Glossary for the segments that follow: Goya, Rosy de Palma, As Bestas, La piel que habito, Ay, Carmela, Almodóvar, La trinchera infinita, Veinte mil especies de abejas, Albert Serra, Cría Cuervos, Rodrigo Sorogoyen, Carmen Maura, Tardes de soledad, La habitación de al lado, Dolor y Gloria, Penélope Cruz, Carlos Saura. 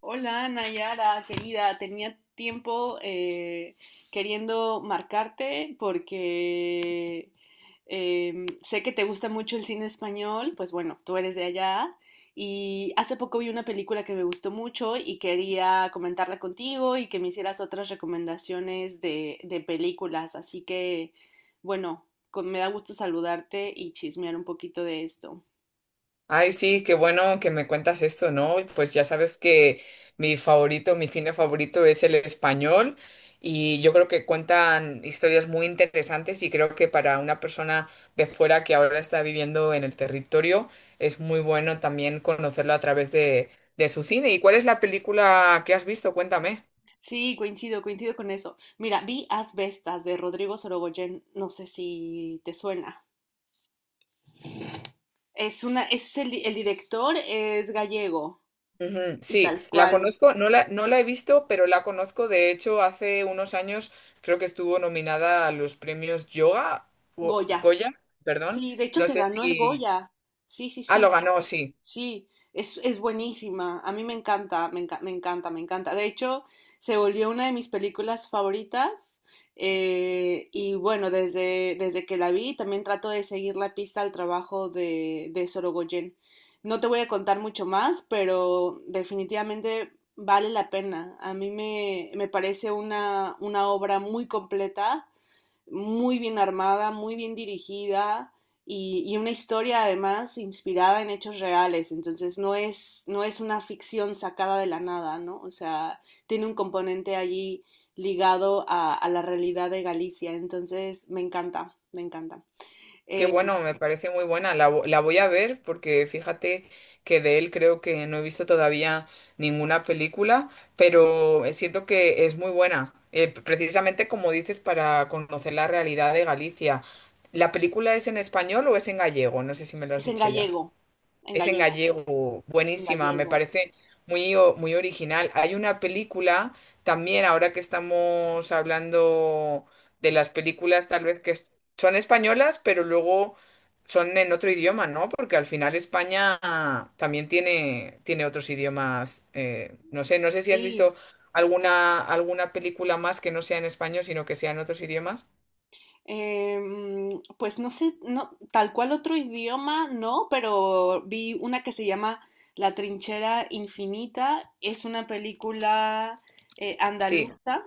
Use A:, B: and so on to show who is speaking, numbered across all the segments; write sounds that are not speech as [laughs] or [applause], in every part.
A: Hola Nayara, querida, tenía tiempo queriendo marcarte porque sé que te gusta mucho el cine español, pues bueno, tú eres de allá y hace poco vi una película que me gustó mucho y quería comentarla contigo y que me hicieras otras recomendaciones de películas, así que bueno, me da gusto saludarte y chismear un poquito de esto.
B: Ay, sí, qué bueno que me cuentas esto, ¿no? Pues ya sabes que mi favorito, mi cine favorito es el español y yo creo que cuentan historias muy interesantes y creo que para una persona de fuera que ahora está viviendo en el territorio es muy bueno también conocerlo a través de su cine. ¿Y cuál es la película que has visto? Cuéntame.
A: Sí, coincido, coincido con eso. Mira, vi As Bestas de Rodrigo Sorogoyen, no sé si te suena. Es una, es el, di- El director es gallego
B: Ujú,
A: y
B: sí,
A: tal
B: la
A: cual,
B: conozco, no la he visto, pero la conozco. De hecho, hace unos años creo que estuvo nominada a los premios Yoga,
A: Goya.
B: Goya, perdón.
A: Sí, de hecho
B: No
A: se
B: sé
A: ganó el
B: si...
A: Goya. Sí, sí,
B: Ah, lo
A: sí.
B: ganó, sí.
A: Sí, es buenísima. A mí me encanta, me encanta, me encanta. De hecho, se volvió una de mis películas favoritas. Y bueno, desde que la vi, también trato de seguir la pista al trabajo de Sorogoyen. No te voy a contar mucho más, pero definitivamente vale la pena. Me parece una obra muy completa, muy bien armada, muy bien dirigida y una historia además inspirada en hechos reales. Entonces no es una ficción sacada de la nada, ¿no? O sea, tiene un componente allí ligado a la realidad de Galicia. Entonces me encanta, me encanta.
B: Qué
A: Eh,
B: bueno, me parece muy buena. La voy a ver porque fíjate que de él creo que no he visto todavía ninguna película, pero siento que es muy buena. Precisamente como dices, para conocer la realidad de Galicia. ¿La película es en español o es en gallego? No sé si me lo has
A: es en
B: dicho ya.
A: gallego, en
B: Es en
A: gallego,
B: gallego,
A: en
B: buenísima, me
A: gallego.
B: parece muy, muy original. Hay una película también, ahora que estamos hablando de las películas, tal vez, son españolas, pero luego son en otro idioma, ¿no? Porque al final España también tiene otros idiomas. No sé, no sé si has
A: Sí.
B: visto alguna película más que no sea en español, sino que sea en otros idiomas.
A: Pues no sé, no, tal cual otro idioma, no, pero vi una que se llama La trinchera infinita. Es una película
B: Sí.
A: andaluza,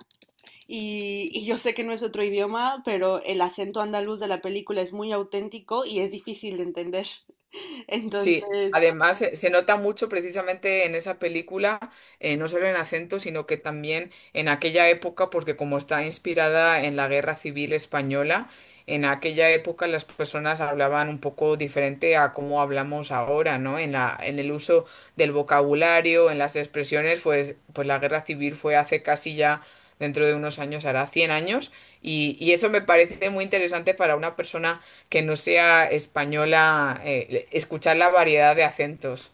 A: y yo sé que no es otro idioma, pero el acento andaluz de la película es muy auténtico y es difícil de entender. [laughs]
B: Sí,
A: Entonces,
B: además se nota mucho precisamente en esa película, no solo en acento, sino que también en aquella época, porque como está inspirada en la Guerra Civil Española, en aquella época las personas hablaban un poco diferente a cómo hablamos ahora, ¿no? En el uso del vocabulario, en las expresiones, pues la guerra civil fue hace casi ya, dentro de unos años, hará 100 años, y eso me parece muy interesante para una persona que no sea española, escuchar la variedad de acentos.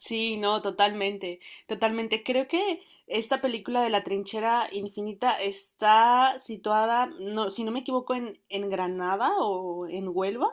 A: sí, no, totalmente, totalmente. Creo que esta película de la trinchera infinita está situada, no, si no me equivoco, en Granada o en Huelva.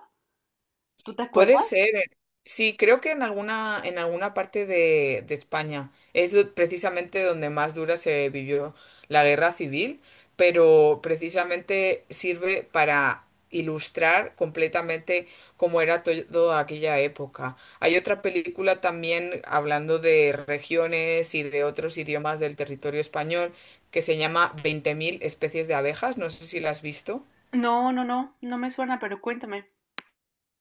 A: ¿Tú te
B: Puede
A: acuerdas?
B: ser. Sí, creo que en alguna parte de España es precisamente donde más dura se vivió la guerra civil, pero precisamente sirve para ilustrar completamente cómo era toda aquella época. Hay otra película también hablando de regiones y de otros idiomas del territorio español que se llama 20.000 especies de abejas, no sé si la has visto.
A: No, no, no, no me suena, pero cuéntame.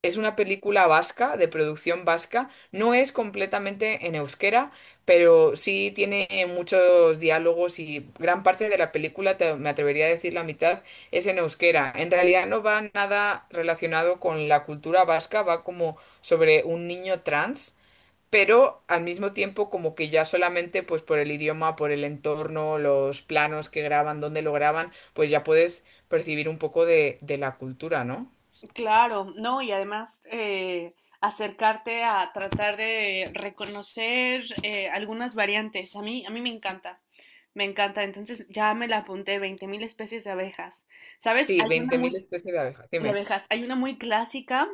B: Es una película vasca, de producción vasca. No es completamente en euskera, pero sí tiene muchos diálogos y gran parte de la película, me atrevería a decir la mitad, es en euskera. En realidad no va nada relacionado con la cultura vasca, va como sobre un niño trans, pero al mismo tiempo como que ya solamente pues por el idioma, por el entorno, los planos que graban, dónde lo graban, pues ya puedes percibir un poco de la cultura, ¿no?
A: Claro, no, y además acercarte a tratar de reconocer algunas variantes. A mí me encanta, me encanta. Entonces ya me la apunté, 20.000 especies de abejas. ¿Sabes?
B: Sí,
A: Hay una
B: veinte mil
A: muy,
B: especies de abejas,
A: de
B: dime.
A: abejas, hay una muy clásica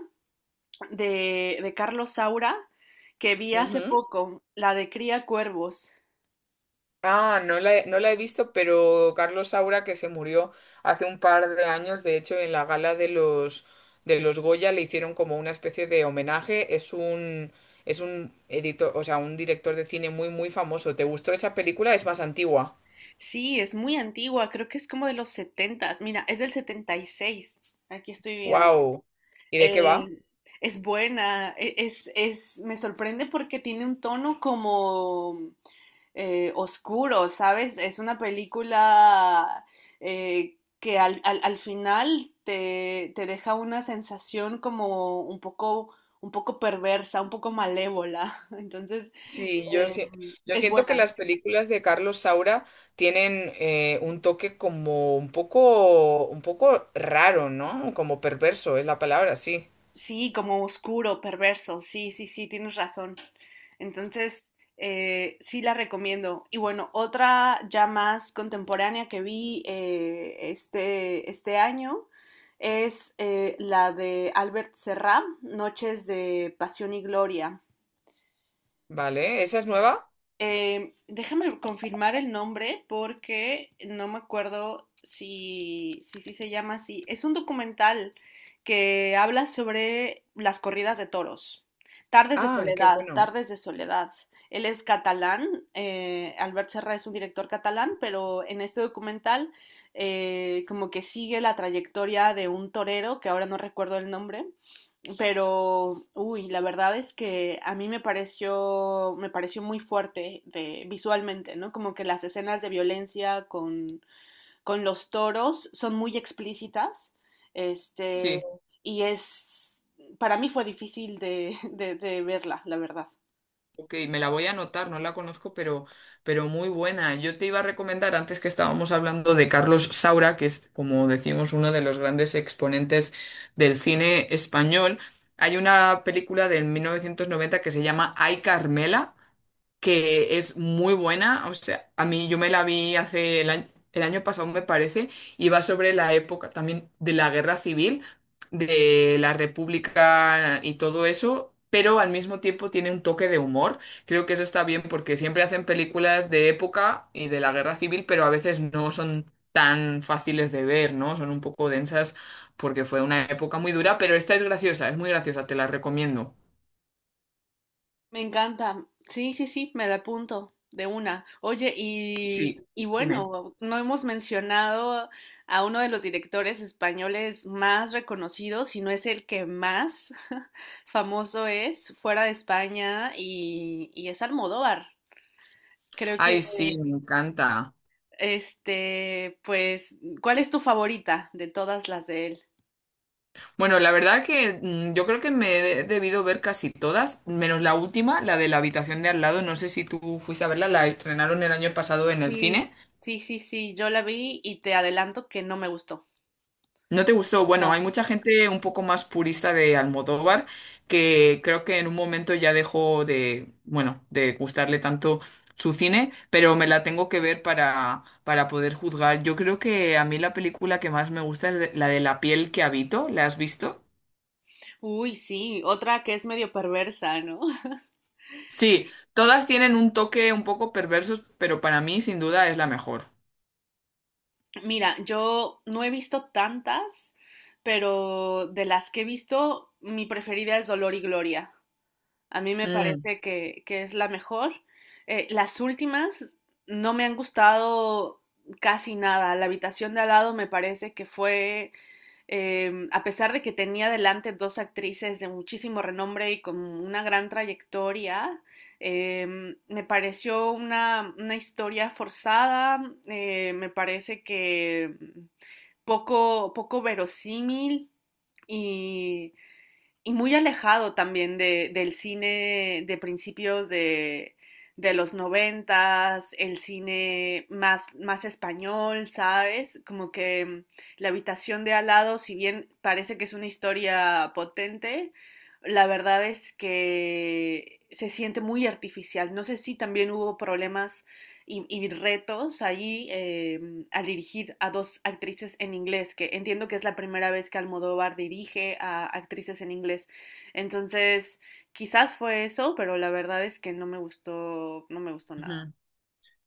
A: de Carlos Saura que vi hace
B: Ujú.
A: poco, la de Cría Cuervos.
B: Ah, no la he visto, pero Carlos Saura, que se murió hace un par de años, de hecho, en la gala de los Goya le hicieron como una especie de homenaje. Es un editor, o sea, un director de cine muy, muy famoso. ¿Te gustó esa película? Es más antigua.
A: Sí, es muy antigua, creo que es como de los setentas. Mira, es del 76. Aquí estoy viendo.
B: ¡Wow! ¿Y de qué va?
A: Eh, es buena, es, me sorprende porque tiene un tono como oscuro, ¿sabes? Es una película que al final te deja una sensación como un poco perversa, un poco malévola. [laughs] Entonces,
B: Sí, yo,
A: eh,
B: si- Yo
A: es
B: siento que las
A: buena.
B: películas de Carlos Saura tienen un toque como un poco raro, ¿no? Como perverso es la palabra, sí.
A: Sí, como oscuro, perverso. Sí, sí, sí, tienes razón. Entonces, sí la recomiendo. Y bueno, otra ya más contemporánea que vi este año es la de Albert Serra, Noches de Pasión y Gloria.
B: Vale, ¿esa es nueva?
A: Déjame confirmar el nombre porque no me acuerdo si se llama así. Es un documental que habla sobre las corridas de toros. Tardes de
B: Ah, qué
A: soledad,
B: bueno.
A: tardes de soledad. Él es catalán, Albert Serra es un director catalán, pero en este documental como que sigue la trayectoria de un torero, que ahora no recuerdo el nombre, pero, uy, la verdad es que a mí me pareció muy fuerte de, visualmente, ¿no? Como que las escenas de violencia con los toros son muy explícitas, este,
B: Sí,
A: y es, para mí fue difícil de verla, la verdad.
B: ok, me la voy a anotar, no la conozco, pero muy buena. Yo te iba a recomendar, antes que estábamos hablando de Carlos Saura, que es, como decimos, uno de los grandes exponentes del cine español, hay una película del 1990 que se llama Ay, Carmela que es muy buena. O sea, a mí yo me la vi hace el año pasado, me parece, y va sobre la época también de la guerra civil, de la República y todo eso. Pero al mismo tiempo tiene un toque de humor. Creo que eso está bien porque siempre hacen películas de época y de la guerra civil, pero a veces no son tan fáciles de ver, ¿no? Son un poco densas porque fue una época muy dura, pero esta es graciosa, es muy graciosa, te la recomiendo.
A: Me encanta. Sí, sí, sí, me la apunto de una. Oye,
B: Sí,
A: y
B: dime.
A: bueno, no hemos mencionado a uno de los directores españoles más reconocidos, si no es el que más [laughs] famoso es fuera de España, y es Almodóvar. Creo que,
B: Ay, sí, me encanta.
A: este, pues, ¿cuál es tu favorita de todas las de él?
B: Bueno, la verdad que yo creo que me he debido ver casi todas, menos la última, la de la habitación de al lado. No sé si tú fuiste a verla, la estrenaron el año pasado en el
A: Sí,
B: cine.
A: sí, sí, sí, yo la vi y te adelanto que no me gustó.
B: ¿No te gustó? Bueno, hay
A: No.
B: mucha gente un poco más purista de Almodóvar que creo que en un momento ya dejó de, bueno, de gustarle tanto su cine, pero me la tengo que ver para poder juzgar. Yo creo que a mí la película que más me gusta es la de La piel que habito. ¿La has visto?
A: Uy, sí, otra que es medio perversa, ¿no? [laughs]
B: Sí, todas tienen un toque un poco perversos, pero para mí sin duda es la mejor.
A: Mira, yo no he visto tantas, pero de las que he visto, mi preferida es Dolor y Gloria. A mí me
B: Mm,
A: parece que es la mejor. Las últimas no me han gustado casi nada. La habitación de al lado me parece que fue a pesar de que tenía delante dos actrices de muchísimo renombre y con una gran trayectoria, me pareció una historia forzada, me parece que poco, poco verosímil y y muy alejado también del cine de principios de los noventas, el cine más, más español, ¿sabes? Como que La habitación de al lado, si bien parece que es una historia potente, la verdad es que se siente muy artificial. No sé si también hubo problemas y retos allí al dirigir a dos actrices en inglés, que entiendo que es la primera vez que Almodóvar dirige a actrices en inglés. Entonces, quizás fue eso, pero la verdad es que no me gustó, no me gustó nada.
B: ujú.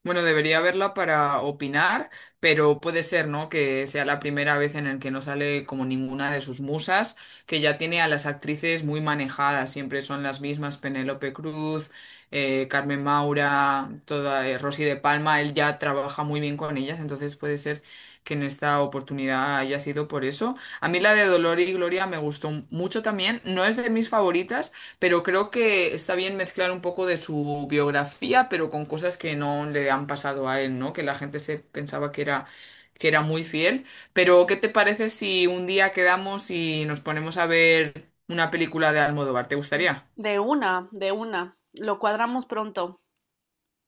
B: Bueno, debería verla para opinar, pero puede ser, ¿no? Que sea la primera vez en el que no sale como ninguna de sus musas, que ya tiene a las actrices muy manejadas, siempre son las mismas, Penélope Cruz, Carmen Maura, toda, Rosy de Palma, él ya trabaja muy bien con ellas, entonces puede ser que en esta oportunidad haya sido por eso. A mí la de Dolor y Gloria me gustó mucho también, no es de mis favoritas, pero creo que está bien mezclar un poco de su biografía, pero con cosas que no le han pasado a él, ¿no? Que la gente se pensaba que era muy fiel. Pero, ¿qué te parece si un día quedamos y nos ponemos a ver una película de Almodóvar? ¿Te gustaría?
A: De una, de una. Lo cuadramos pronto.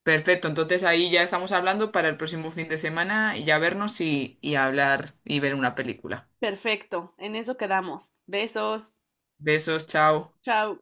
B: Perfecto, entonces ahí ya estamos hablando para el próximo fin de semana y ya vernos y hablar y ver una película.
A: Perfecto. En eso quedamos. Besos.
B: Besos, chao.
A: Chao.